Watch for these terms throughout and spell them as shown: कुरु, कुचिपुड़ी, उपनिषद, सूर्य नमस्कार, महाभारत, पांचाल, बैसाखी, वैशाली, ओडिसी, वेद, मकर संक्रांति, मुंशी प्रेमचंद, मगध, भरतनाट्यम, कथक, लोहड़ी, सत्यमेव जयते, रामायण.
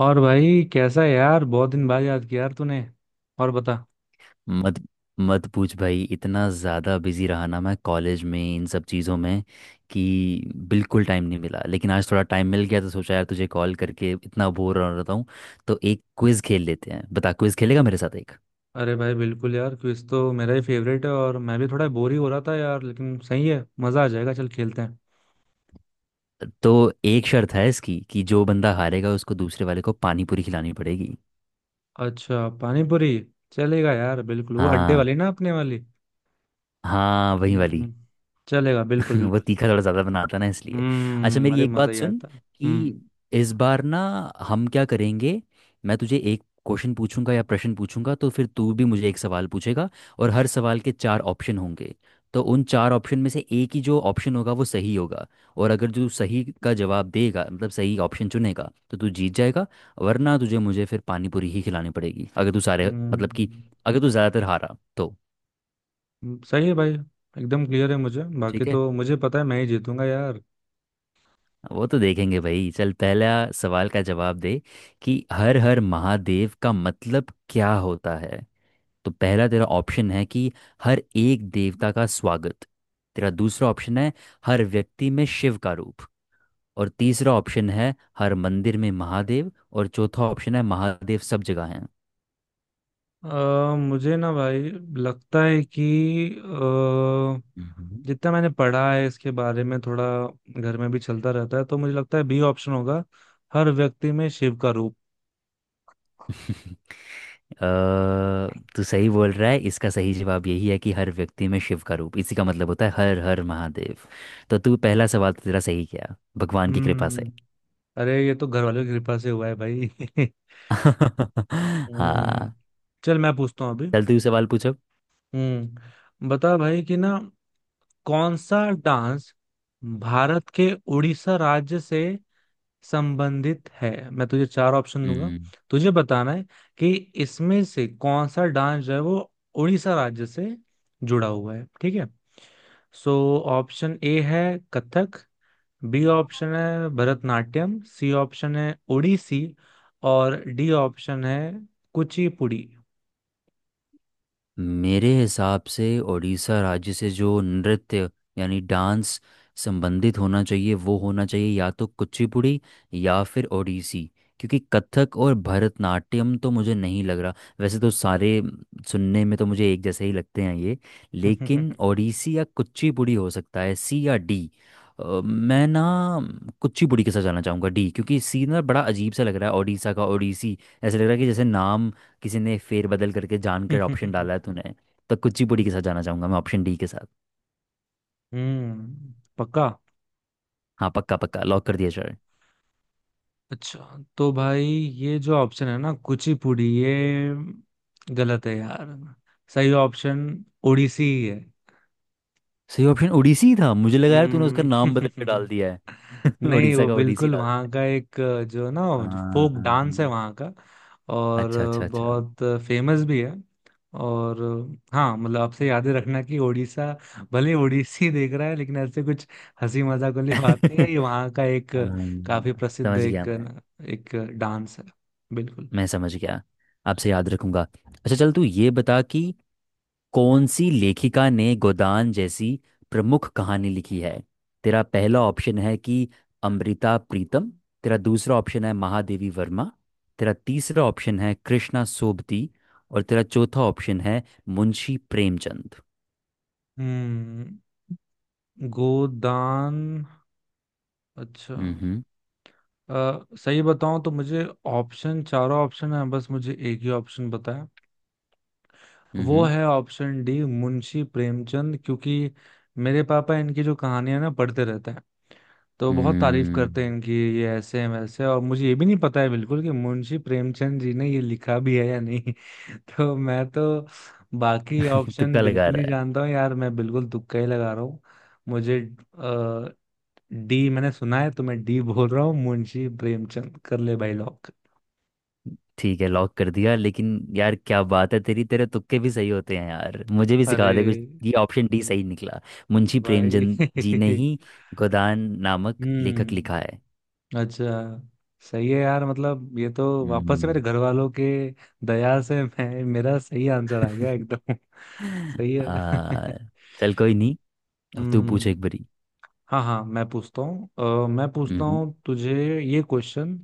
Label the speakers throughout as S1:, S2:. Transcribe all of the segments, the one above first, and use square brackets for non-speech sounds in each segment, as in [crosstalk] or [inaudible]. S1: और भाई कैसा है यार। बहुत दिन बाद याद किया यार तूने। और बता।
S2: मत मत पूछ भाई। इतना ज़्यादा बिजी रहा ना मैं कॉलेज में इन सब चीज़ों में कि बिल्कुल टाइम नहीं मिला। लेकिन आज थोड़ा टाइम मिल गया तो सोचा यार तुझे कॉल करके, इतना बोर हो रहा हूँ तो एक क्विज़ खेल लेते हैं। बता, क्विज़ खेलेगा मेरे साथ एक?
S1: अरे भाई बिल्कुल यार, क्विज तो मेरा ही फेवरेट है और मैं भी थोड़ा बोर ही हो रहा था यार। लेकिन सही है, मजा आ जाएगा, चल खेलते हैं।
S2: तो एक शर्त है इसकी कि जो बंदा हारेगा उसको दूसरे वाले को पानी पूरी खिलानी पड़ेगी।
S1: अच्छा, पानी पूरी। चलेगा यार, बिल्कुल, वो अड्डे
S2: हाँ,
S1: वाली ना, अपने वाली।
S2: हाँ वही वाली।
S1: हम्म, चलेगा
S2: [laughs]
S1: बिल्कुल
S2: वो
S1: बिल्कुल।
S2: तीखा थोड़ा ज़्यादा बनाता ना इसलिए। अच्छा
S1: हम्म।
S2: मेरी
S1: अरे
S2: एक
S1: मजा
S2: बात
S1: ही
S2: सुन
S1: आता है।
S2: कि
S1: हम्म।
S2: इस बार ना हम क्या करेंगे, मैं तुझे एक क्वेश्चन पूछूंगा या प्रश्न पूछूंगा, तो फिर तू भी मुझे एक सवाल पूछेगा। और हर सवाल के चार ऑप्शन होंगे। तो उन चार ऑप्शन में से एक ही जो ऑप्शन होगा वो सही होगा। और अगर जो सही का जवाब देगा मतलब सही ऑप्शन चुनेगा तो तू जीत जाएगा। वरना तुझे मुझे फिर पानी पूरी ही खिलानी पड़ेगी, अगर तू सारे मतलब कि
S1: हम्म,
S2: अगर तू ज़्यादातर हारा तो।
S1: सही है भाई। एकदम क्लियर है मुझे। बाकी
S2: ठीक है,
S1: तो मुझे पता है मैं ही जीतूंगा यार।
S2: वो तो देखेंगे भाई। चल पहला सवाल का जवाब दे कि हर हर महादेव का मतलब क्या होता है। तो पहला तेरा ऑप्शन है कि हर एक देवता का स्वागत। तेरा दूसरा ऑप्शन है हर व्यक्ति में शिव का रूप। और तीसरा ऑप्शन है हर मंदिर में महादेव। और चौथा ऑप्शन है महादेव सब जगह हैं।
S1: अ, मुझे ना भाई लगता है कि अ,
S2: हम्म।
S1: जितना मैंने पढ़ा है इसके बारे में थोड़ा, घर में भी चलता रहता है, तो मुझे लगता है बी ऑप्शन होगा, हर व्यक्ति में शिव का रूप।
S2: [laughs] अ, तू सही बोल रहा है। इसका सही जवाब यही है कि हर व्यक्ति में शिव का रूप, इसी का मतलब होता है हर हर महादेव। तो तू पहला सवाल तो तेरा सही किया भगवान की कृपा से।
S1: हम्म। अरे ये तो घर वालों की कृपा से हुआ है भाई। [laughs]
S2: [laughs]
S1: हम्म।
S2: हाँ,
S1: चल मैं पूछता हूँ अभी।
S2: चल तू सवाल पूछो।
S1: हम्म, बता भाई कि ना, कौन सा डांस भारत के उड़ीसा राज्य से संबंधित है। मैं तुझे चार ऑप्शन दूंगा।
S2: हम्म।
S1: तुझे बताना है कि इसमें से कौन सा डांस जो है वो उड़ीसा राज्य से जुड़ा हुआ है, ठीक है। सो, ऑप्शन ए है कथक, बी ऑप्शन है भरतनाट्यम, सी ऑप्शन है ओडिसी, और डी ऑप्शन है कुचिपुड़ी।
S2: मेरे हिसाब से उड़ीसा राज्य से जो नृत्य यानी डांस संबंधित होना चाहिए वो होना चाहिए या तो कुचिपुड़ी या फिर ओडिसी। क्योंकि कथक और भरतनाट्यम तो मुझे नहीं लग रहा। वैसे तो सारे सुनने में तो मुझे एक जैसे ही लगते हैं ये। लेकिन ओडिसी या कुचिपुड़ी हो सकता है, सी या डी। मैं ना कुचिपुड़ी के साथ जाना चाहूँगा, डी। क्योंकि सी ना बड़ा अजीब सा लग रहा है, ओडिशा का ओडिसी। ऐसा लग रहा है कि जैसे नाम किसी ने फेरबदल करके जानकर ऑप्शन डाला है
S1: [laughs]
S2: तूने। तो कुचिपुड़ी
S1: हम्म,
S2: के साथ जाना चाहूंगा मैं, ऑप्शन डी के साथ।
S1: पक्का?
S2: हाँ पक्का, पक्का लॉक कर दिया सर।
S1: अच्छा, तो भाई ये जो ऑप्शन है ना कुचिपुड़ी, ये गलत है यार। सही ऑप्शन ओडिसी ही है।
S2: सही ऑप्शन ओडिसी था? मुझे लगा यार तूने उसका नाम बदल के डाल
S1: हम्म।
S2: दिया है।
S1: [laughs]
S2: [laughs]
S1: नहीं,
S2: उड़ीसा
S1: वो
S2: का ओडिसी
S1: बिल्कुल
S2: डाल
S1: वहाँ
S2: दिया
S1: का एक जो ना,
S2: है।
S1: जो फोक डांस है
S2: हाँ।
S1: वहाँ का, और
S2: अच्छा, अच्छा, अच्छा।
S1: बहुत फेमस भी है। और हाँ, मतलब आपसे याद ही रखना कि ओडिशा भले ओडिसी देख रहा है लेकिन ऐसे कुछ हंसी मजाक वाली बात नहीं है। ये वहाँ का
S2: [laughs]
S1: एक काफी
S2: हाँ,
S1: प्रसिद्ध
S2: समझ गया
S1: एक
S2: मैं।
S1: एक डांस है, बिल्कुल।
S2: मैं समझ गया, आपसे याद रखूंगा। अच्छा चल तू ये बता कि कौन सी लेखिका ने गोदान जैसी प्रमुख कहानी लिखी है। तेरा पहला ऑप्शन है कि अमृता प्रीतम। तेरा दूसरा ऑप्शन है महादेवी वर्मा। तेरा तीसरा ऑप्शन है कृष्णा सोबती। और तेरा चौथा ऑप्शन है मुंशी प्रेमचंद।
S1: हम्म। गोदान। अच्छा।
S2: हम्म
S1: सही बताऊं तो मुझे ऑप्शन, चारों ऑप्शन है, बस मुझे एक ही ऑप्शन बताया। वो
S2: हम्म
S1: है ऑप्शन डी, मुंशी प्रेमचंद, क्योंकि मेरे पापा इनकी जो कहानियां ना पढ़ते रहते हैं, तो बहुत तारीफ करते हैं
S2: हम्म
S1: इनकी। ये ऐसे हैं, वैसे हैं, और मुझे ये भी नहीं पता है बिल्कुल कि मुंशी प्रेमचंद जी ने ये लिखा भी है या नहीं। [laughs] तो मैं तो बाकी ऑप्शन
S2: तुक्का लगा
S1: बिल्कुल
S2: रहा
S1: ही
S2: है?
S1: जानता हूँ यार, मैं बिल्कुल तुक्का ही लगा रहा हूँ। मुझे डी मैंने सुना है, तो मैं डी बोल रहा हूँ। मुंशी प्रेमचंद, कर ले भाई लॉक।
S2: ठीक है लॉक कर दिया। लेकिन यार क्या बात है तेरी तेरे तुक्के भी सही होते हैं यार, मुझे भी
S1: अरे
S2: सिखा दे कुछ। ये ऑप्शन डी सही निकला। मुंशी
S1: भाई।
S2: प्रेमचंद जी ने
S1: [laughs]
S2: ही गोदान नामक लेखक लिखा
S1: हम्म।
S2: है।
S1: अच्छा, सही है यार। मतलब ये तो वापस से
S2: हम्म,
S1: मेरे घर वालों के दया से मैं, मेरा सही आंसर आ गया एकदम। [laughs] सही है।
S2: आ,
S1: [laughs]
S2: चल कोई नहीं, अब तू पूछ
S1: हम्म।
S2: एक बारी।
S1: हाँ हाँ, मैं पूछता हूँ। मैं पूछता
S2: हम्म
S1: हूँ तुझे ये क्वेश्चन।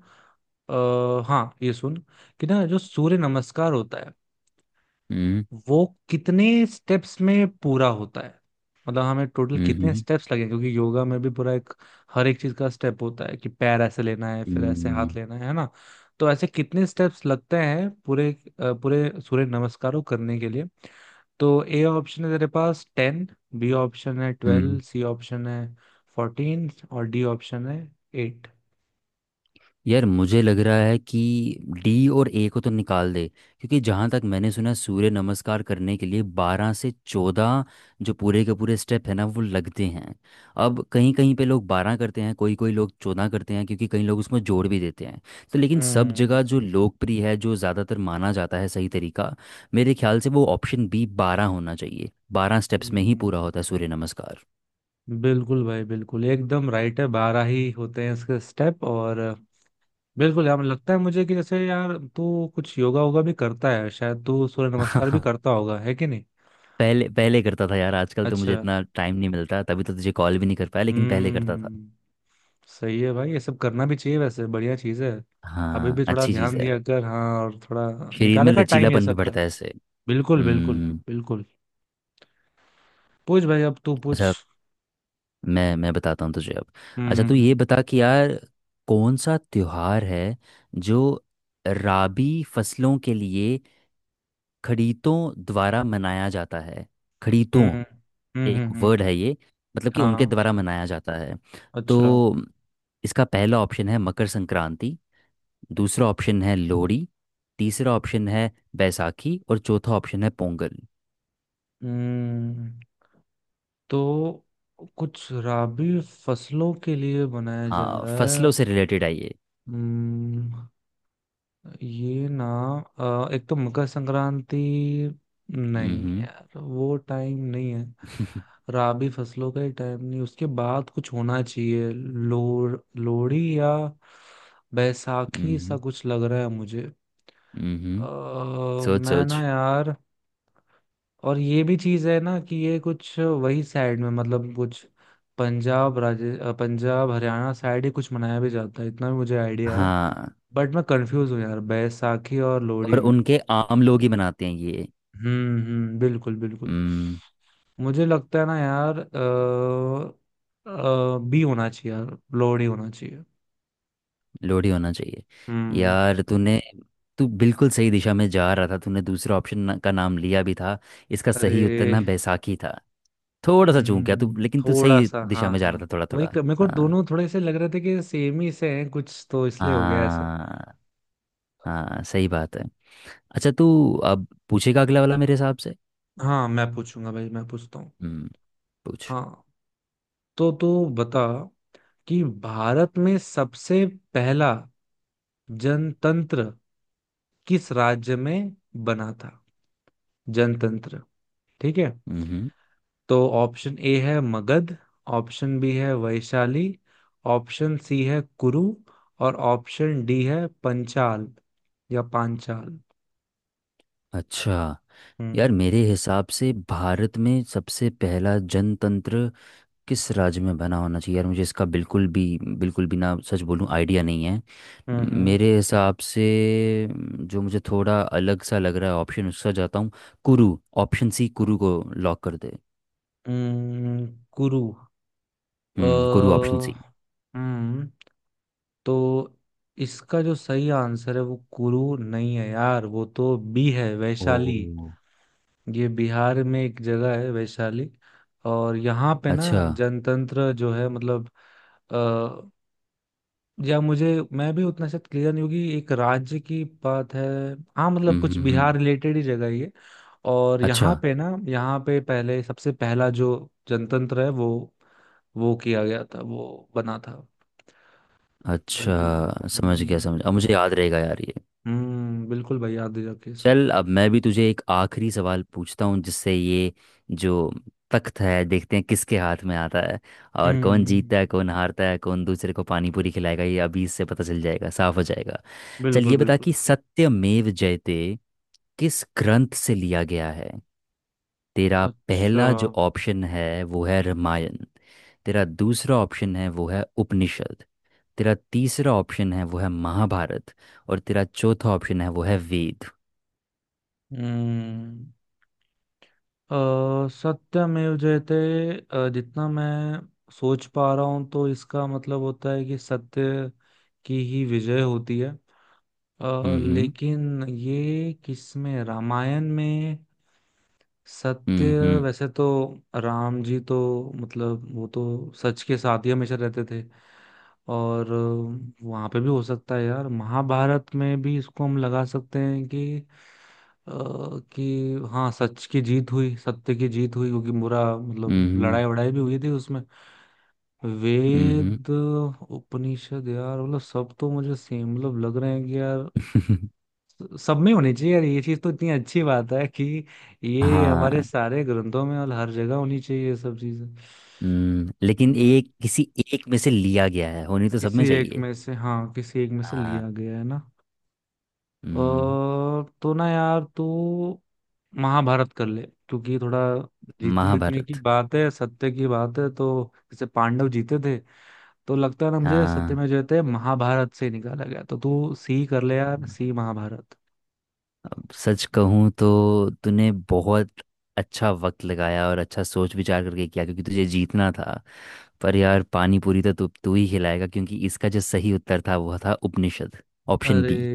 S1: हाँ, ये सुन, कि ना जो सूर्य नमस्कार होता है,
S2: हम्म
S1: वो कितने स्टेप्स में पूरा होता है। मतलब हमें टोटल कितने
S2: हम्म
S1: स्टेप्स लगे, क्योंकि योगा में भी पूरा एक, हर एक चीज का स्टेप होता है कि पैर ऐसे लेना है, फिर ऐसे
S2: हम्म
S1: हाथ लेना है ना। तो ऐसे कितने स्टेप्स लगते हैं पूरे, पूरे सूर्य नमस्कारों करने के लिए। तो ए ऑप्शन है तेरे पास 10, बी ऑप्शन है 12,
S2: हम्म
S1: सी ऑप्शन है 14, और डी ऑप्शन है 8।
S2: यार मुझे लग रहा है कि डी और ए को तो निकाल दे। क्योंकि जहाँ तक मैंने सुना सूर्य नमस्कार करने के लिए बारह से चौदह जो पूरे के पूरे स्टेप है ना वो लगते हैं। अब कहीं कहीं पे लोग बारह करते हैं, कोई कोई लोग चौदह करते हैं, क्योंकि कई लोग उसमें जोड़ भी देते हैं। तो लेकिन सब जगह
S1: हम्म।
S2: जो लोकप्रिय है जो ज़्यादातर माना जाता है सही तरीका, मेरे ख्याल से वो ऑप्शन बी बारह होना चाहिए। बारह स्टेप्स में ही
S1: हम्म,
S2: पूरा होता है सूर्य नमस्कार।
S1: बिल्कुल भाई बिल्कुल, एकदम राइट है, 12 ही होते हैं इसके स्टेप। और बिल्कुल यार, लगता है मुझे कि जैसे यार तू कुछ योगा वोगा भी करता है, शायद तू सूर्य नमस्कार भी
S2: [laughs]
S1: करता होगा, है कि नहीं।
S2: पहले पहले करता था यार, आजकल तो मुझे
S1: अच्छा।
S2: इतना टाइम नहीं मिलता, तभी तो तुझे कॉल भी नहीं कर पाया, लेकिन पहले करता था।
S1: हम्म, सही है भाई। ये सब करना भी चाहिए वैसे, बढ़िया चीज है। अभी
S2: हाँ
S1: भी थोड़ा
S2: अच्छी चीज़
S1: ध्यान
S2: है,
S1: दिया कर, हाँ। और थोड़ा
S2: शरीर में
S1: निकाला कर टाइम, ये
S2: लचीलापन भी
S1: सब का।
S2: बढ़ता है इससे।
S1: बिल्कुल, बिल्कुल,
S2: हम्म।
S1: बिल्कुल। पूछ भाई, अब तू पूछ।
S2: अच्छा मैं बताता हूँ तुझे अब। अच्छा
S1: हम्म।
S2: तू ये
S1: हम्म।
S2: बता कि यार कौन सा त्योहार है जो राबी फसलों के लिए खड़ीतों द्वारा मनाया जाता है। खड़ीतों
S1: हम्म। हम्म। हम्म।
S2: एक वर्ड है ये, मतलब कि उनके
S1: हाँ,
S2: द्वारा मनाया जाता है।
S1: अच्छा।
S2: तो इसका पहला ऑप्शन है मकर संक्रांति। दूसरा ऑप्शन है लोहड़ी। तीसरा ऑप्शन है बैसाखी। और चौथा ऑप्शन है पोंगल।
S1: हम्म। तो कुछ रबी फसलों के लिए बनाया जा
S2: हाँ
S1: रहा
S2: फसलों
S1: है।
S2: से रिलेटेड है ये।
S1: हम्म। ये ना, एक तो मकर संक्रांति, नहीं
S2: हम्म
S1: यार, वो टाइम नहीं है। राबी फसलों का ही टाइम नहीं, उसके बाद कुछ होना चाहिए। लोर लोहड़ी या बैसाखी सा
S2: हम्म
S1: कुछ लग रहा है मुझे।
S2: हम्म [laughs] सोच
S1: मैं
S2: सोच।
S1: ना यार, और ये भी चीज है ना कि ये कुछ वही साइड में, मतलब कुछ पंजाब हरियाणा साइड ही कुछ मनाया भी जाता है, इतना भी मुझे आइडिया है।
S2: हाँ,
S1: बट मैं कंफ्यूज हूँ यार, बैसाखी और लोहड़ी
S2: और
S1: में।
S2: उनके आम लोग ही बनाते हैं ये।
S1: हम्म। हम्म, बिल्कुल बिल्कुल।
S2: हम्म।
S1: मुझे लगता है ना यार, बी होना चाहिए यार, लोड ही होना चाहिए।
S2: लोहड़ी होना चाहिए?
S1: हम्म।
S2: यार तूने, तू बिल्कुल सही दिशा में जा रहा था, तूने दूसरा ऑप्शन ना, का नाम लिया भी था। इसका
S1: अरे।
S2: सही उत्तर ना बैसाखी था। थोड़ा सा चूक गया तू,
S1: हम्म,
S2: लेकिन तू
S1: थोड़ा
S2: सही
S1: सा,
S2: दिशा
S1: हाँ
S2: में जा
S1: हाँ।
S2: रहा था, थोड़ा
S1: वही
S2: थोड़ा
S1: मेरे को
S2: हाँ।
S1: दोनों थोड़े से लग रहे थे कि सेम ही से हैं कुछ, तो इसलिए हो गया ऐसा।
S2: हाँ, हाँ सही बात है। अच्छा तू अब पूछेगा अगला वाला मेरे हिसाब से।
S1: हाँ, मैं पूछूंगा भाई, मैं पूछता हूँ।
S2: हम्म, पूछ।
S1: हाँ, तो तू बता कि भारत में सबसे पहला जनतंत्र किस राज्य में बना था। जनतंत्र, ठीक है।
S2: हम्म।
S1: तो ऑप्शन ए है मगध, ऑप्शन बी है वैशाली, ऑप्शन सी है कुरु, और ऑप्शन डी है पंचाल या पांचाल।
S2: अच्छा, यार
S1: हम्म।
S2: मेरे हिसाब से भारत में सबसे पहला जनतंत्र किस राज्य में बना होना चाहिए, यार मुझे इसका बिल्कुल भी, बिल्कुल भी ना सच बोलूं आइडिया नहीं है।
S1: हम्म।
S2: मेरे हिसाब से जो मुझे थोड़ा अलग सा लग रहा है ऑप्शन उसका जाता हूँ, कुरु। ऑप्शन सी कुरु को लॉक कर दे।
S1: हम्म, कुरु। अ
S2: हम्म, कुरु ऑप्शन सी।
S1: हम्म, तो इसका जो सही आंसर है वो कुरु नहीं है यार, वो तो बी है, वैशाली।
S2: ओ,
S1: ये बिहार में एक जगह है वैशाली। और यहाँ पे ना,
S2: अच्छा।
S1: जनतंत्र जो है, मतलब, या मुझे, मैं भी उतना शायद क्लियर नहीं होगी, एक राज्य की बात है। हाँ, मतलब
S2: हम्म
S1: कुछ
S2: हम्म
S1: बिहार
S2: हम्म,
S1: रिलेटेड ही जगह ही है। और
S2: अच्छा
S1: यहाँ पे ना, यहाँ पे पहले सबसे पहला जो जनतंत्र है, वो किया गया था, वो बना था। बिल्कुल भाई।
S2: अच्छा, समझ गया
S1: हम्म।
S2: समझ, अब मुझे याद रहेगा यार ये।
S1: हम्म, बिल्कुल भाई, याद दिला के सब।
S2: चल अब मैं भी तुझे एक आखिरी सवाल पूछता हूँ, जिससे ये जो तख्त है देखते हैं किसके हाथ में आता है, और कौन
S1: हम्म,
S2: जीतता है कौन हारता है, कौन दूसरे को पानी पूरी खिलाएगा ये अभी इससे पता चल जाएगा, साफ हो जाएगा। चल
S1: बिल्कुल
S2: ये बता
S1: बिल्कुल।
S2: कि सत्यमेव जयते किस ग्रंथ से लिया गया है। तेरा
S1: अच्छा।
S2: पहला जो ऑप्शन है वो है रामायण। तेरा दूसरा ऑप्शन है वो है उपनिषद। तेरा तीसरा ऑप्शन है वो है महाभारत। और तेरा चौथा ऑप्शन है वो है वेद।
S1: हम्म। सत्यमेव जयते, जितना मैं सोच पा रहा हूँ, तो इसका मतलब होता है कि सत्य की ही विजय होती है।
S2: हम्म
S1: लेकिन ये किसमें? रामायण में सत्य?
S2: हम्म
S1: वैसे तो राम जी तो, मतलब वो तो सच के साथ ही हमेशा रहते थे। और वहां पे भी हो सकता है यार, महाभारत में भी इसको हम लगा सकते हैं अ, कि हाँ सच की जीत हुई, सत्य की जीत हुई, क्योंकि बुरा मतलब
S2: हम्म
S1: लड़ाई वड़ाई भी हुई थी उसमें।
S2: हम्म
S1: वेद, उपनिषद, यार मतलब सब तो मुझे सेम मतलब लग रहे हैं कि यार,
S2: [laughs]
S1: सब में होनी चाहिए यार ये चीज। तो इतनी अच्छी बात है कि ये हमारे
S2: हाँ
S1: सारे ग्रंथों में और हर जगह होनी चाहिए, ये सब चीजें।
S2: लेकिन
S1: हम्म,
S2: एक किसी एक में से लिया गया है, होनी तो सब में
S1: किसी एक
S2: चाहिए।
S1: में से, हाँ, किसी एक में से
S2: हाँ
S1: लिया गया है ना।
S2: हम्म,
S1: और तो ना यार, तू महाभारत कर ले, क्योंकि थोड़ा जीतने जीतने की
S2: महाभारत।
S1: बात है, सत्य की बात है, तो जैसे पांडव जीते थे। तो लगता है ना मुझे, सत्य में
S2: हाँ,
S1: जो थे, महाभारत से निकाला गया, तो तू सी कर ले यार, सी महाभारत।
S2: अब सच कहूँ तो तूने बहुत अच्छा वक्त लगाया और अच्छा सोच विचार करके किया क्योंकि तुझे जीतना था। पर यार पानी पूरी तो तू तू ही खिलाएगा, क्योंकि इसका जो सही उत्तर था वो था उपनिषद, ऑप्शन
S1: अरे
S2: बी।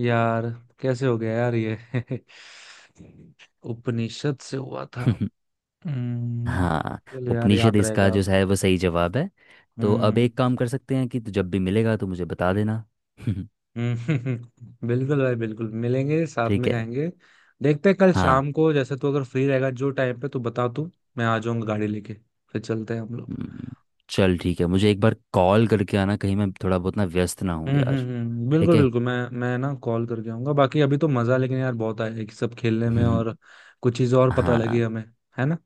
S1: यार, कैसे हो गया यार ये? [laughs] उपनिषद से हुआ था।
S2: [laughs]
S1: हम्म।
S2: हाँ,
S1: चलो यार,
S2: उपनिषद
S1: याद
S2: इसका
S1: रहेगा
S2: जो
S1: अब।
S2: है वो सही जवाब है। तो अब
S1: हम्म।
S2: एक काम कर सकते हैं कि तू जब भी मिलेगा तो मुझे बता देना। [laughs]
S1: हम्म। [laughs] बिल्कुल भाई बिल्कुल, मिलेंगे, साथ
S2: ठीक
S1: में
S2: है।
S1: खाएंगे। देखते हैं कल
S2: हाँ
S1: शाम को, जैसे तू अगर फ्री रहेगा जो टाइम पे, तू बता तू, मैं आ जाऊंगा गाड़ी लेके, फिर चलते हैं हम लोग।
S2: हम्म, चल ठीक है, मुझे एक बार कॉल करके आना कहीं मैं थोड़ा बहुत व्यस्त हूँ
S1: हम्म। हम्म।
S2: यार। ठीक
S1: बिल्कुल
S2: है।
S1: बिल्कुल, मैं ना कॉल करके आऊंगा। बाकी अभी तो मजा लेकिन यार बहुत आया कि सब खेलने में, और
S2: [laughs]
S1: कुछ चीजें और पता
S2: हाँ
S1: लगी हमें, है ना।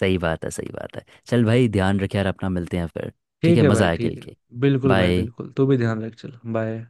S2: सही बात है, सही बात है। चल भाई ध्यान रख यार अपना, मिलते हैं फिर। ठीक
S1: ठीक
S2: है,
S1: है
S2: मज़ा
S1: भाई,
S2: आया
S1: ठीक
S2: खेल
S1: है।
S2: के।
S1: बिल्कुल भाई
S2: बाय।
S1: बिल्कुल, तू भी ध्यान रख, चल बाय।